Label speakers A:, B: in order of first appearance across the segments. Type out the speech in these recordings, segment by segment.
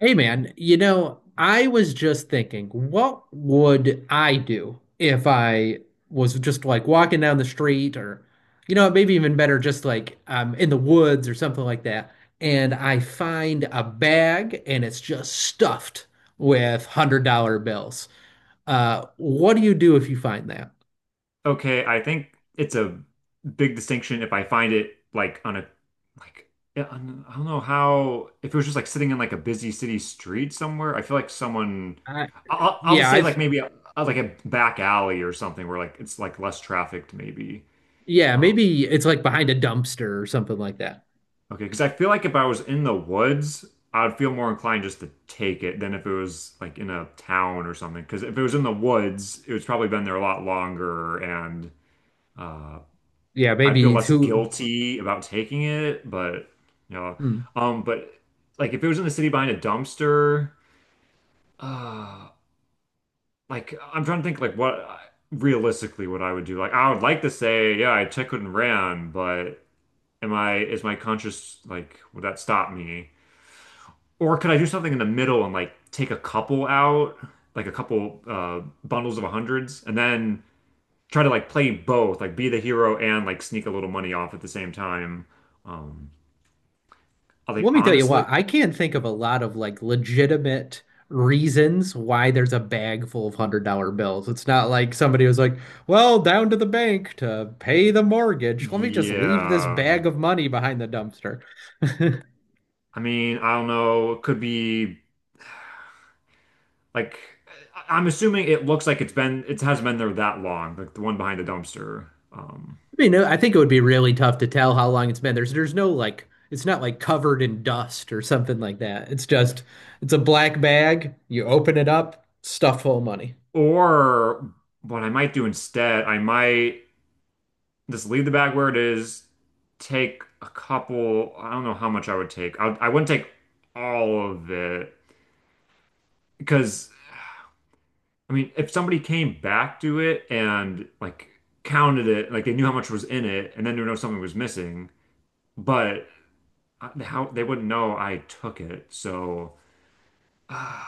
A: Hey man, you know, I was just thinking, what would I do if I was just like walking down the street or, you know, maybe even better, just like in the woods or something like that, and I find a bag and it's just stuffed with $100 bills. What do you do if you find that?
B: Okay, I think it's a big distinction if I find it like on a like yeah, on- I don't know how if it was just like sitting in like a busy city street somewhere. I feel like someone
A: I,
B: I'll just
A: yeah,
B: say like maybe a, like a back alley or something where like it's like less trafficked maybe.
A: yeah,
B: Um,
A: maybe it's like behind a dumpster or something like that.
B: okay, because I feel like if I was in the woods, I would feel more inclined just to take it than if it was like in a town or something. Because if it was in the woods, it was probably been there a lot longer and. Uh,
A: Yeah,
B: I feel
A: maybe it's
B: less
A: who.
B: guilty about taking it, but you know,
A: Hmm.
B: but like if it was in the city behind a dumpster, uh, like I'm trying to think like what realistically what I would do. Like I would like to say, yeah, I took it and ran, but am I is my conscience like would that stop me? Or could I do something in the middle and like take a couple out, like a couple bundles of hundreds, and then try to like play both, like be the hero and like sneak a little money off at the same time. Um, I think
A: Let me tell you
B: honestly,
A: what, I can't think of a lot of like legitimate reasons why there's a bag full of $100 bills. It's not like somebody was like, well, down to the bank to pay the mortgage. Let me just leave this
B: yeah.
A: bag of money behind the dumpster. I
B: I mean, I don't know. It could be like I- I'm assuming it looks like it's been it hasn't been there that long, like the one behind the dumpster.
A: I think it would be really tough to tell how long it's been. There's no like it's not like covered in dust or something like that. It's just it's a black bag. You open it up, stuff full of money.
B: Or what I might do instead, I might just leave the bag where it is, take a couple. I don't know how much I would take. I wouldn't take all of it because I mean, if somebody came back to it and like counted it, like they knew how much was in it, and then they know something was missing. But how they wouldn't know I took it. So,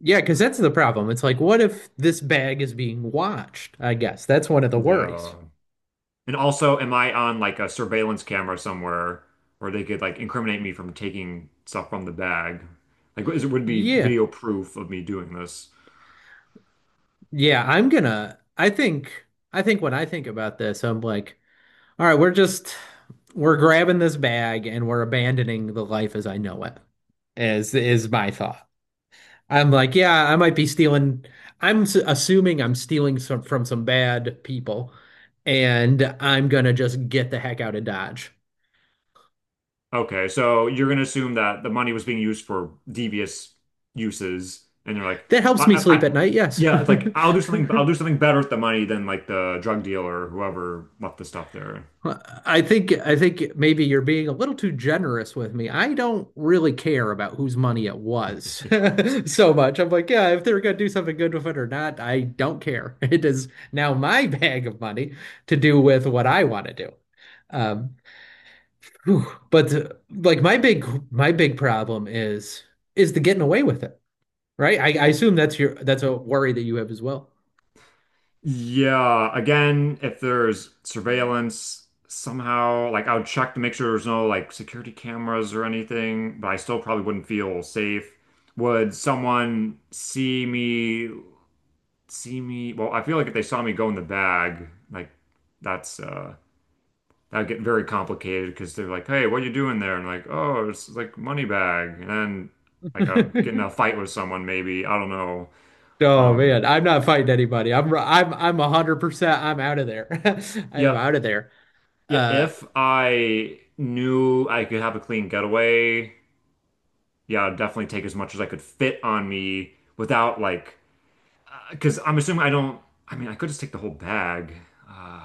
A: Yeah, because that's the problem. It's like, what if this bag is being watched? I guess that's one of the
B: yeah.
A: worries.
B: And also, am I on like a surveillance camera somewhere where they could like incriminate me from taking stuff from the bag? Like, is it would be
A: Yeah.
B: video proof of me doing this?
A: Yeah, I think I think when I think about this, I'm like, all right, we're just we're grabbing this bag and we're abandoning the life as I know it, is my thought. I'm like, yeah, I might be stealing. Assuming I'm stealing some from some bad people, and I'm gonna just get the heck out of Dodge.
B: Okay, so you're gonna assume that the money was being used for devious uses, and you're like,
A: That
B: I,
A: helps me
B: I,
A: sleep
B: I-
A: at night, yes.
B: yeah, it's like I'll do something better with the money than like the drug dealer or whoever left the stuff there.
A: Well, I think maybe you're being a little too generous with me. I don't really care about whose money it was so much. I'm like, yeah, if they're gonna do something good with it or not, I don't care. It is now my bag of money to do with what I want to do. Um, Whew. But like my big problem is the getting away with it, right? I assume that's your that's a worry that you have as well.
B: Yeah, again, if there's surveillance somehow, like I would check to make sure there's no like security cameras or anything, but I still probably wouldn't feel safe. Would someone see me, see me? Well, I feel like if they saw me go in the bag, like that's that'd get very complicated because they're like, "Hey, what are you doing there?" And like, "Oh, it's like money bag." And then like I would get in a fight with someone maybe. I don't know.
A: Oh
B: Um
A: man, I'm not fighting anybody. I'm 100% I'm out of there. I am
B: yeah,
A: out of there.
B: yeah,
A: Uh
B: if I knew I could have a clean getaway, yeah, I'd definitely take as much as I could fit on me without like, because I'm assuming I don't, I mean, I could just take the whole bag. Uh,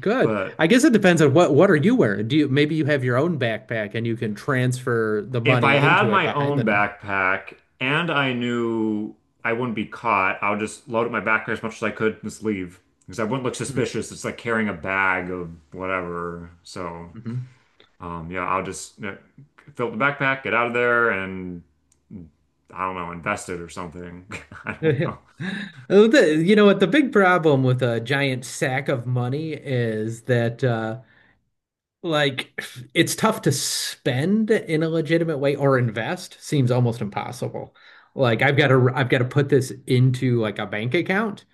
A: Good.
B: but
A: I guess it depends on what are you wearing? Do you maybe you have your own backpack and you can transfer the
B: if I
A: money
B: had
A: into it
B: my
A: behind
B: own
A: the
B: backpack and I knew I wouldn't be caught, I would just load up my backpack as much as I could and just leave because I wouldn't look suspicious. It's like carrying a bag of whatever. So,
A: Mhm.
B: yeah, I'll just fill up the backpack, get out of there, and I don't know, invested or something. I don't
A: The-
B: know.
A: You know what? The big problem with a giant sack of money is that like, it's tough to spend in a legitimate way or invest seems almost impossible. Like, I've got to put this into like a bank account.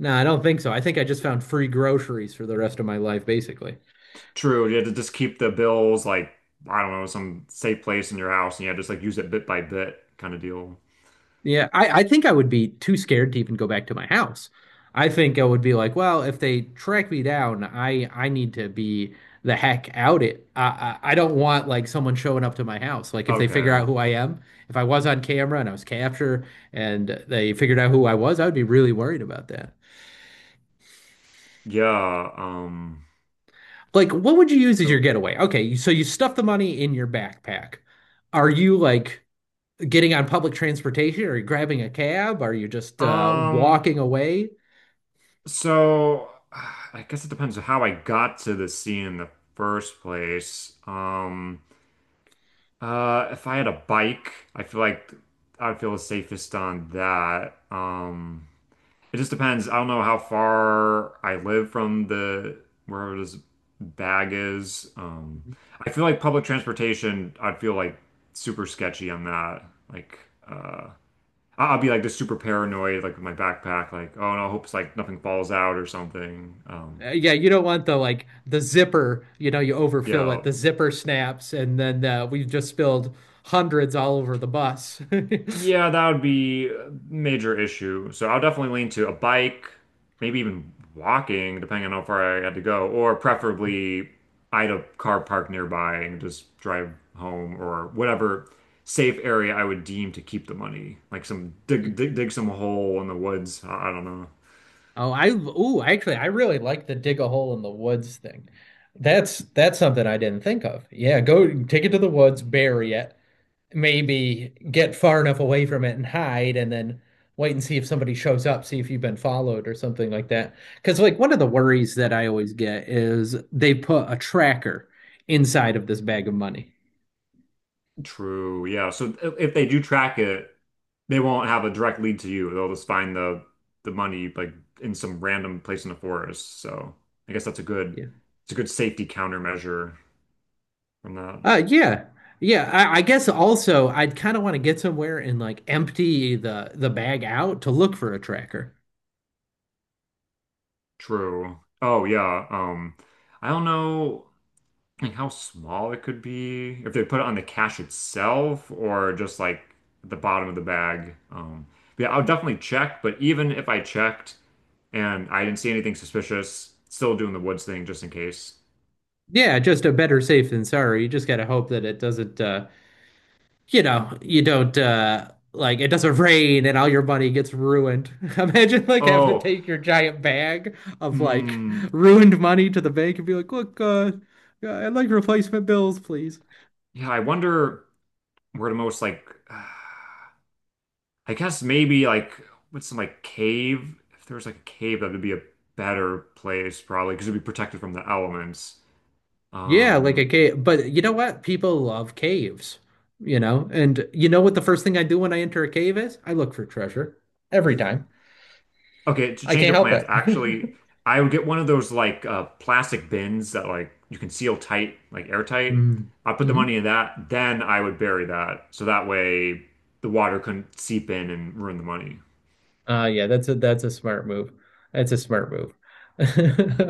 A: No, I don't think so. I think I just found free groceries for the rest of my life, basically.
B: True, you had to just keep the bills like I don't know, some safe place in your house, and yeah, just like use it bit by bit kind of deal.
A: Yeah, I think I would be too scared to even go back to my house. I think I would be like, well, if they track me down, I need to be the heck out it. I don't want like someone showing up to my house. Like if they figure
B: Okay.
A: out who I am, if I was on camera and I was captured and they figured out who I was, I would be really worried about that.
B: Yeah.
A: Like, what would you use as your
B: So.
A: getaway? Okay, so you stuff the money in your backpack. Are you like getting on public transportation? Are you grabbing a cab? Are you just
B: Um.
A: walking away?
B: So. I guess it depends on how I got to the sea in the first place. If I had a bike, I feel like I'd feel the safest on that. It just depends. I don't know how far I live from the where this bag is. I feel like public transportation, I'd feel like super sketchy on that. Like, uh, I- I'll be like just super paranoid, like with my backpack, like, oh no, I hope it's like nothing falls out or something.
A: Yeah, you don't want the like the zipper, you know, you overfill it,
B: Yeah,
A: the zipper snaps, and then we've just spilled hundreds all over the bus.
B: yeah, that would be a major issue. So I'll definitely lean to a bike, maybe even walking, depending on how far I had to go, or preferably I had a car park nearby and just drive home or whatever safe area I would deem to keep the money. Like dig some hole in the woods. I don't know.
A: Actually, I really like the dig a hole in the woods thing. That's something I didn't think of. Yeah, go take it to the woods, bury it, maybe get far enough away from it and hide and then wait and see if somebody shows up, see if you've been followed or something like that. Because, like, one of the worries that I always get is they put a tracker inside of this bag of money.
B: True. Yeah. So if they do track it, they won't have a direct lead to you. They'll just find the money like in some random place in the forest. So I guess that's a good
A: Yeah.
B: it's a good safety countermeasure from that.
A: Yeah. Yeah, I guess also I'd kind of want to get somewhere and like empty the bag out to look for a tracker.
B: True. Oh yeah. I don't know. Like how small it could be if they put it on the cash itself or just like the bottom of the bag. But yeah, I'll definitely check. But even if I checked and I didn't see anything suspicious, still doing the woods thing just in case.
A: Yeah, just a better safe than sorry. You just gotta hope that it doesn't you know, you don't like it doesn't rain and all your money gets ruined. Imagine like having to
B: Oh,
A: take your giant bag of like
B: mm,
A: ruined money to the bank and be like, "Look, yeah, I'd like replacement bills, please."
B: yeah. I wonder where the most like I guess maybe like with some like cave. If there was like a cave, that would be a better place probably because it'd be protected from the elements.
A: Yeah, like a
B: Um,
A: cave. But you know what? People love caves, you know? And you know what the first thing I do when I enter a cave is? I look for treasure every time.
B: Okay, to
A: I
B: change
A: can't
B: of
A: help
B: plans,
A: it.
B: actually, I would get one of those like plastic bins that like you can seal tight, like airtight. I put the
A: Mm-hmm.
B: money in that, then I would bury that, so that way the water couldn't seep in and ruin the money.
A: Yeah, that's a smart move. That's a smart move.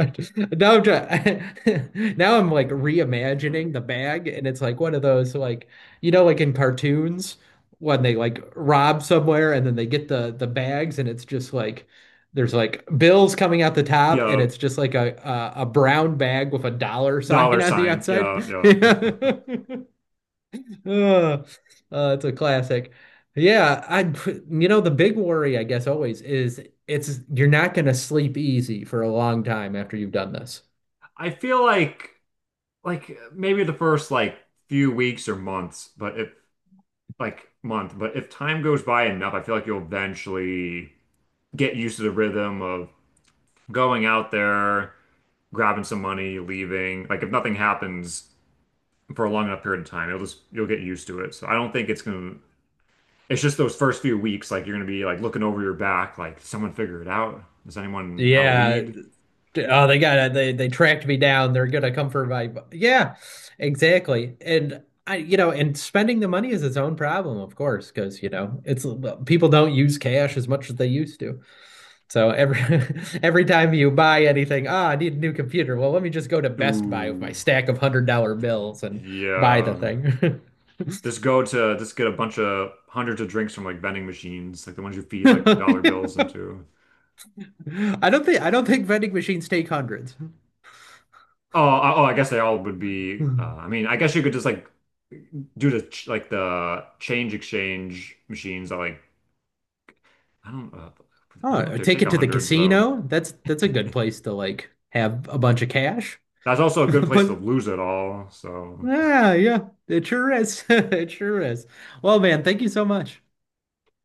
A: Now I'm trying, now I'm like reimagining the bag and it's like one of those like you know like in cartoons when they like rob somewhere and then they get the bags and it's just like there's like bills coming out the top and
B: Yeah,
A: it's just like a brown bag with a dollar sign
B: dollar
A: on the
B: sign.
A: outside.
B: Yeah, yeah.
A: Yeah. Uh, it's a classic. Yeah, you know, the big worry, I guess, always is it's you're not going to sleep easy for a long time after you've done this.
B: I feel like maybe the first like few weeks or months, but if like month, but if time goes by enough, I feel like you'll eventually get used to the rhythm of going out there, grabbing some money, leaving. Like if nothing happens for a long enough period of time, it'll just you'll get used to it. So I don't think it's gonna. It's just those first few weeks, like you're gonna be like looking over your back, like "Did someone figure it out. Does anyone have a
A: Yeah,
B: lead?
A: oh, they got to they tracked me down. They're gonna come for my yeah, exactly. And you know, and spending the money is its own problem, of course, because you know it's people don't use cash as much as they used to. So every every time you buy anything, ah, I need a new computer. Well, let me just go to Best Buy with my
B: Ooh,
A: stack of $100 bills and buy the
B: yeah.
A: thing.
B: Just go to just get a bunch of hundreds of drinks from like vending machines, like the ones you feed like the dollar bills into.
A: I don't think vending machines take hundreds.
B: Oh, I guess they all would be. I mean, I guess you could just like do the ch- like the change exchange machines that like I don't uh, I don't know if
A: Oh,
B: they
A: take
B: take
A: it to the
B: hundreds though.
A: casino. That's a good place to like have a bunch of cash.
B: That's also a good place to
A: But
B: lose it all. So
A: yeah, yeah, it sure is. It sure is. Well, man, thank you so much.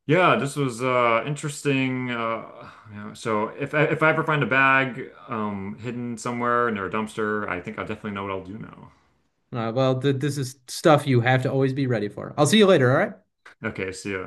B: yeah, this was interesting. Yeah, so if I ever find a bag hidden somewhere near a dumpster, I think I definitely know what I'll do now.
A: Well, th this is stuff you have to always be ready for. I'll see you later, all right?
B: Okay, see ya.